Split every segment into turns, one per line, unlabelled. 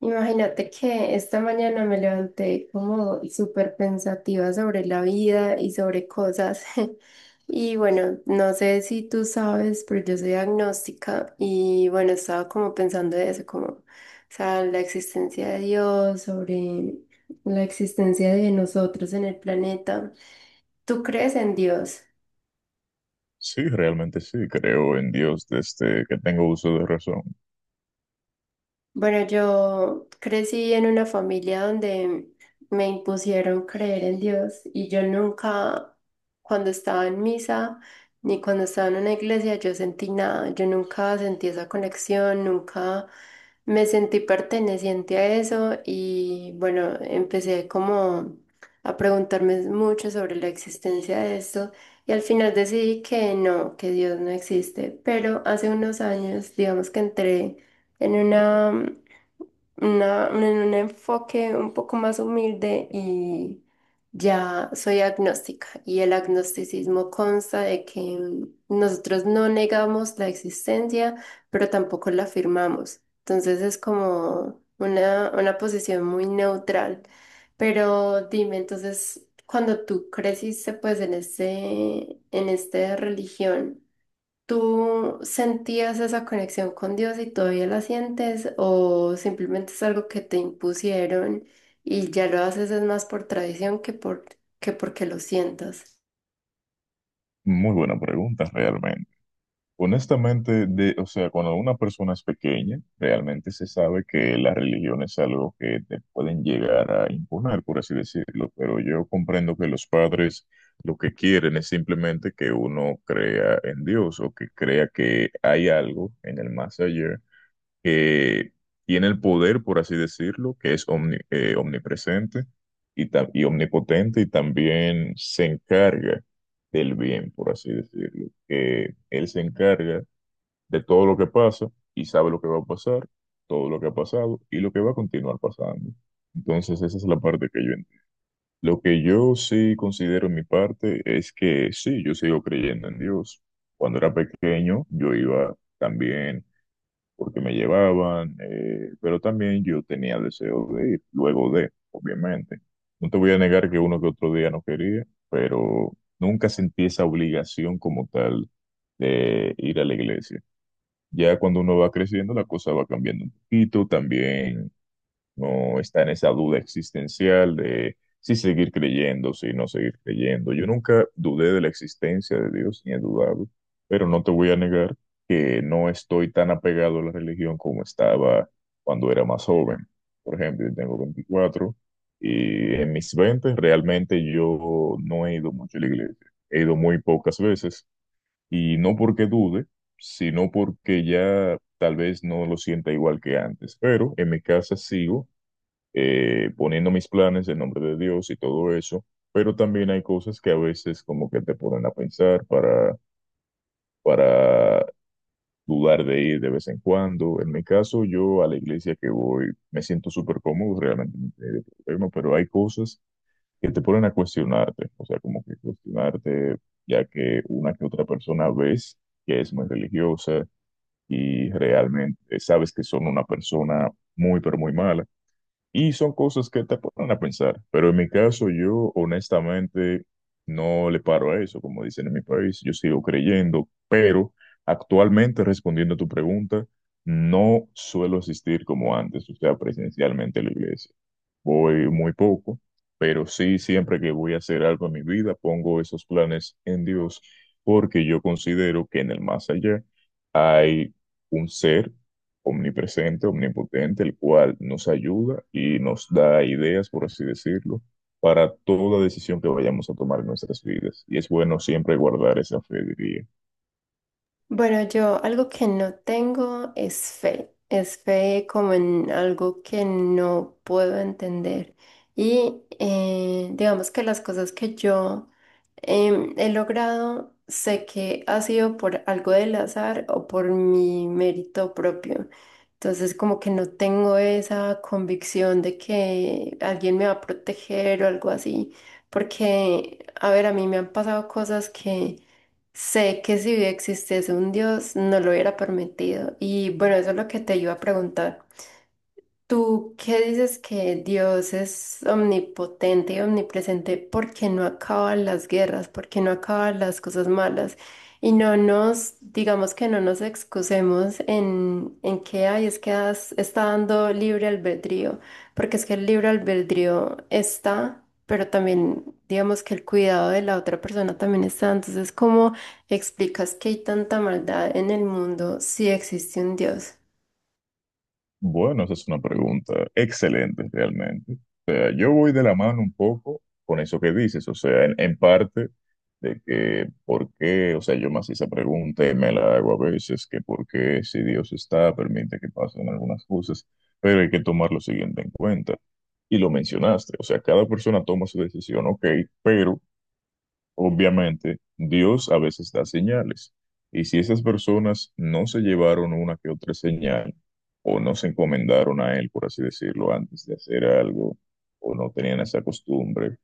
Imagínate que esta mañana me levanté como súper pensativa sobre la vida y sobre cosas. Y bueno, no sé si tú sabes, pero yo soy agnóstica y bueno, estaba como pensando de eso, como, o sea, la existencia de Dios, sobre la existencia de nosotros en el planeta. ¿Tú crees en Dios?
Sí, realmente sí, creo en Dios desde que tengo uso de razón.
Bueno, yo crecí en una familia donde me impusieron creer en Dios y yo nunca, cuando estaba en misa ni cuando estaba en una iglesia, yo sentí nada. Yo nunca sentí esa conexión, nunca me sentí perteneciente a eso y bueno, empecé como a preguntarme mucho sobre la existencia de esto y al final decidí que no, que Dios no existe. Pero hace unos años, digamos que entré en una en un enfoque un poco más humilde y ya soy agnóstica. Y el agnosticismo consta de que nosotros no negamos la existencia, pero tampoco la afirmamos. Entonces es como una posición muy neutral. Pero dime, entonces, cuando tú creciste pues en en esta religión, ¿tú sentías esa conexión con Dios y todavía la sientes o simplemente es algo que te impusieron y ya lo haces es más por tradición que porque lo sientas?
Muy buena pregunta, realmente. Honestamente, o sea, cuando una persona es pequeña, realmente se sabe que la religión es algo que te pueden llegar a imponer, por así decirlo, pero yo comprendo que los padres lo que quieren es simplemente que uno crea en Dios o que crea que hay algo en el más allá que tiene el poder, por así decirlo, que es omnipresente y, y omnipotente y también se encarga del bien, por así decirlo, que él se encarga de todo lo que pasa y sabe lo que va a pasar, todo lo que ha pasado y lo que va a continuar pasando. Entonces esa es la parte que yo entiendo. Lo que yo sí considero en mi parte es que sí, yo sigo creyendo en Dios. Cuando era pequeño, yo iba también porque me llevaban, pero también yo tenía deseo de ir, luego de, obviamente. No te voy a negar que uno que otro día no quería, pero nunca sentí esa obligación como tal de ir a la iglesia. Ya cuando uno va creciendo, la cosa va cambiando un poquito, también no está en esa duda existencial de si seguir creyendo, si no seguir creyendo. Yo nunca dudé de la existencia de Dios, ni he dudado, pero no te voy a negar que no estoy tan apegado a la religión como estaba cuando era más joven. Por ejemplo, yo tengo 24 y en mis 20 realmente yo no he ido mucho a la iglesia, he ido muy pocas veces y no porque dude, sino porque ya tal vez no lo sienta igual que antes, pero en mi casa sigo poniendo mis planes en nombre de Dios y todo eso, pero también hay cosas que a veces como que te ponen a pensar para dudar de ir de vez en cuando. En mi caso, yo a la iglesia que voy me siento súper cómodo, realmente no tengo problema, pero hay cosas que te ponen a cuestionarte, o sea, como que cuestionarte, ya que una que otra persona ves que es muy religiosa y realmente sabes que son una persona muy, pero muy mala. Y son cosas que te ponen a pensar, pero en mi caso yo honestamente no le paro a eso, como dicen en mi país, yo sigo creyendo, pero actualmente respondiendo a tu pregunta, no suelo asistir como antes, o sea, presencialmente a la iglesia. Voy muy poco, pero sí, siempre que voy a hacer algo en mi vida, pongo esos planes en Dios, porque yo considero que en el más allá hay un ser omnipresente, omnipotente, el cual nos ayuda y nos da ideas, por así decirlo, para toda decisión que vayamos a tomar en nuestras vidas. Y es bueno siempre guardar esa fe, diría.
Bueno, yo algo que no tengo es fe. Es fe como en algo que no puedo entender. Y digamos que las cosas que yo he logrado, sé que ha sido por algo del azar o por mi mérito propio. Entonces, como que no tengo esa convicción de que alguien me va a proteger o algo así. Porque, a ver, a mí me han pasado cosas que sé que si existiese un Dios, no lo hubiera permitido. Y bueno, eso es lo que te iba a preguntar. Tú qué dices que Dios es omnipotente y omnipresente, ¿por qué no acaban las guerras? ¿Por qué no acaban las cosas malas? Y no nos, digamos que no nos excusemos en que hay, es que está dando libre albedrío, porque es que el libre albedrío está, pero también digamos que el cuidado de la otra persona también está. Entonces, ¿cómo explicas que hay tanta maldad en el mundo si existe un Dios?
Bueno, esa es una pregunta excelente realmente. O sea, yo voy de la mano un poco con eso que dices, o sea, en parte de que por qué, o sea, yo me hacía esa pregunta y me la hago a veces, que por qué si Dios está, permite que pasen algunas cosas, pero hay que tomar lo siguiente en cuenta. Y lo mencionaste, o sea, cada persona toma su decisión, ok, pero obviamente, Dios a veces da señales, y si esas personas no se llevaron una que otra señal, o no se encomendaron a Él, por así decirlo, antes de hacer algo, o no tenían esa costumbre,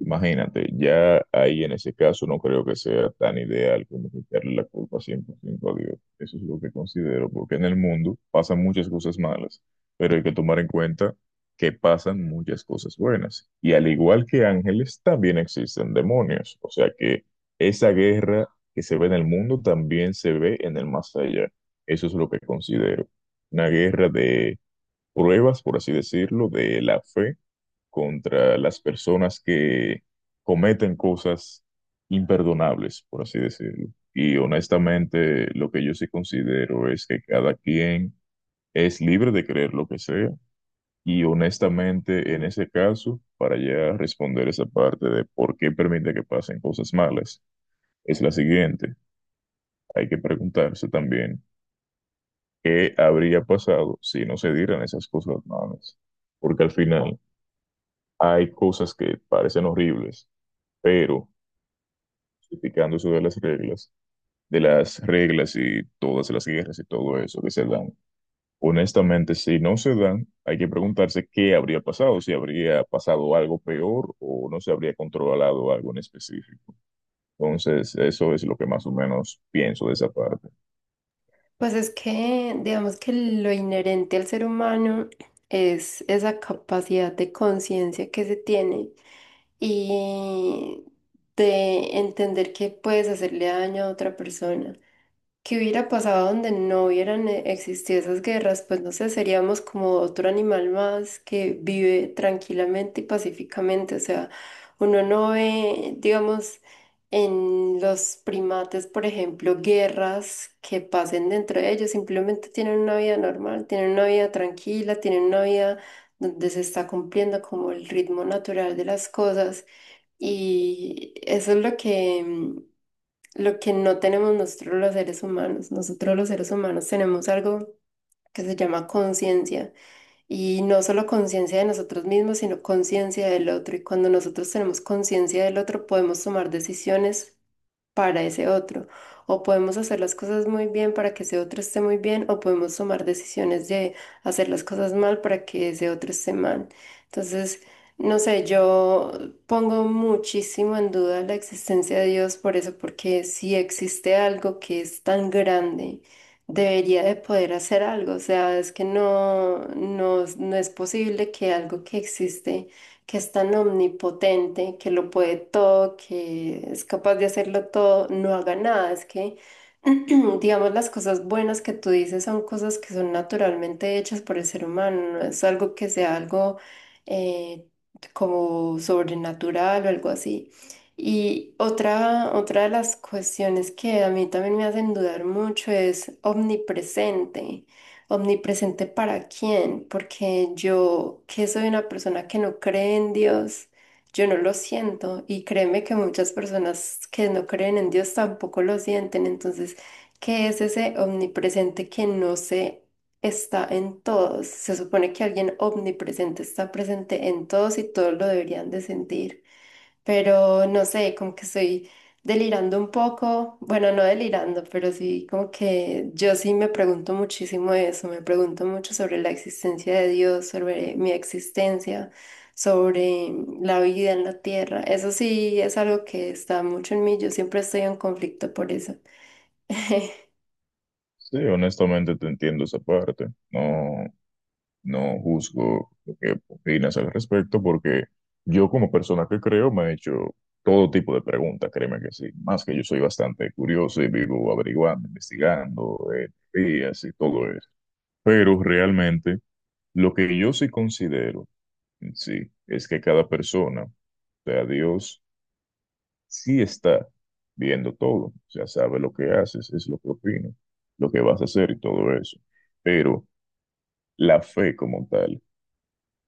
imagínate, ya ahí en ese caso no creo que sea tan ideal como quitarle la culpa 100% a Dios. Eso es lo que considero, porque en el mundo pasan muchas cosas malas, pero hay que tomar en cuenta que pasan muchas cosas buenas. Y al igual que ángeles, también existen demonios. O sea que esa guerra que se ve en el mundo también se ve en el más allá. Eso es lo que considero. Una guerra de pruebas, por así decirlo, de la fe contra las personas que cometen cosas imperdonables, por así decirlo. Y honestamente, lo que yo sí considero es que cada quien es libre de creer lo que sea. Y honestamente, en ese caso, para ya responder esa parte de por qué permite que pasen cosas malas, es la siguiente. Hay que preguntarse también qué habría pasado si no se dieran esas cosas malas. Porque al final hay cosas que parecen horribles, pero explicando sobre las reglas, de las reglas y todas las guerras y todo eso que se dan. Honestamente, si no se dan, hay que preguntarse qué habría pasado, si habría pasado algo peor o no se habría controlado algo en específico. Entonces, eso es lo que más o menos pienso de esa parte.
Pues es que, digamos que lo inherente al ser humano es esa capacidad de conciencia que se tiene y de entender que puedes hacerle daño a otra persona. ¿Qué hubiera pasado donde no hubieran existido esas guerras? Pues no sé, seríamos como otro animal más que vive tranquilamente y pacíficamente. O sea, uno no ve, digamos, en los primates, por ejemplo, guerras que pasen dentro de ellos. Simplemente tienen una vida normal, tienen una vida tranquila, tienen una vida donde se está cumpliendo como el ritmo natural de las cosas. Y eso es lo que no tenemos nosotros los seres humanos. Nosotros los seres humanos tenemos algo que se llama conciencia. Y no solo conciencia de nosotros mismos, sino conciencia del otro. Y cuando nosotros tenemos conciencia del otro, podemos tomar decisiones para ese otro. O podemos hacer las cosas muy bien para que ese otro esté muy bien, o podemos tomar decisiones de hacer las cosas mal para que ese otro esté mal. Entonces, no sé, yo pongo muchísimo en duda la existencia de Dios por eso, porque si existe algo que es tan grande, debería de poder hacer algo. O sea, es que no, no, no es posible que algo que existe que es tan omnipotente, que lo puede todo, que es capaz de hacerlo todo, no haga nada. Es que, digamos, las cosas buenas que tú dices son cosas que son naturalmente hechas por el ser humano, no es algo que sea algo eh, como sobrenatural o algo así. Y otra de las cuestiones que a mí también me hacen dudar mucho es omnipresente. ¿Omnipresente para quién? Porque yo, que soy una persona que no cree en Dios, yo no lo siento. Y créeme que muchas personas que no creen en Dios tampoco lo sienten. Entonces, ¿qué es ese omnipresente que no se está en todos? Se supone que alguien omnipresente está presente en todos y todos lo deberían de sentir. Pero no sé, como que soy delirando un poco, bueno, no delirando, pero sí como que yo sí me pregunto muchísimo eso, me pregunto mucho sobre la existencia de Dios, sobre mi existencia, sobre la vida en la tierra. Eso sí es algo que está mucho en mí, yo siempre estoy en conflicto por eso.
Sí, honestamente te entiendo esa parte. No, no juzgo lo que opinas al respecto porque yo como persona que creo me he hecho todo tipo de preguntas, créeme que sí. Más que yo soy bastante curioso y vivo averiguando, investigando, teorías y todo eso. Pero realmente lo que yo sí considero, en sí, es que cada persona, o sea, Dios sí está viendo todo. O sea, sabe lo que haces, es lo que opinas, lo que vas a hacer y todo eso. Pero la fe como tal.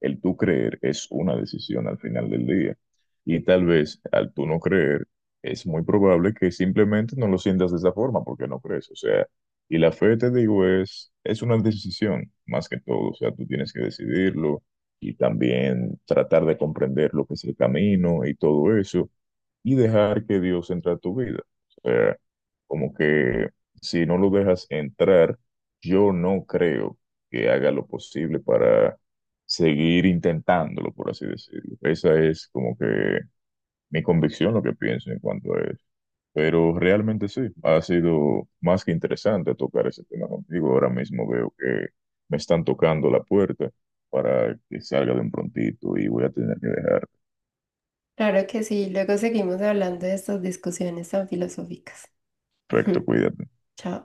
El tú creer es una decisión al final del día. Y tal vez al tú no creer, es muy probable que simplemente no lo sientas de esa forma porque no crees. O sea, y la fe, te digo, es una decisión más que todo. O sea, tú tienes que decidirlo y también tratar de comprender lo que es el camino y todo eso y dejar que Dios entre a tu vida. O sea, como que si no lo dejas entrar, yo no creo que haga lo posible para seguir intentándolo, por así decirlo. Esa es como que mi convicción, lo que pienso en cuanto a eso. Pero realmente sí, ha sido más que interesante tocar ese tema contigo. Ahora mismo veo que me están tocando la puerta para que salga de un prontito y voy a tener que dejar.
Claro que sí, luego seguimos hablando de estas discusiones tan filosóficas.
Perfecto, cuídate.
Chao.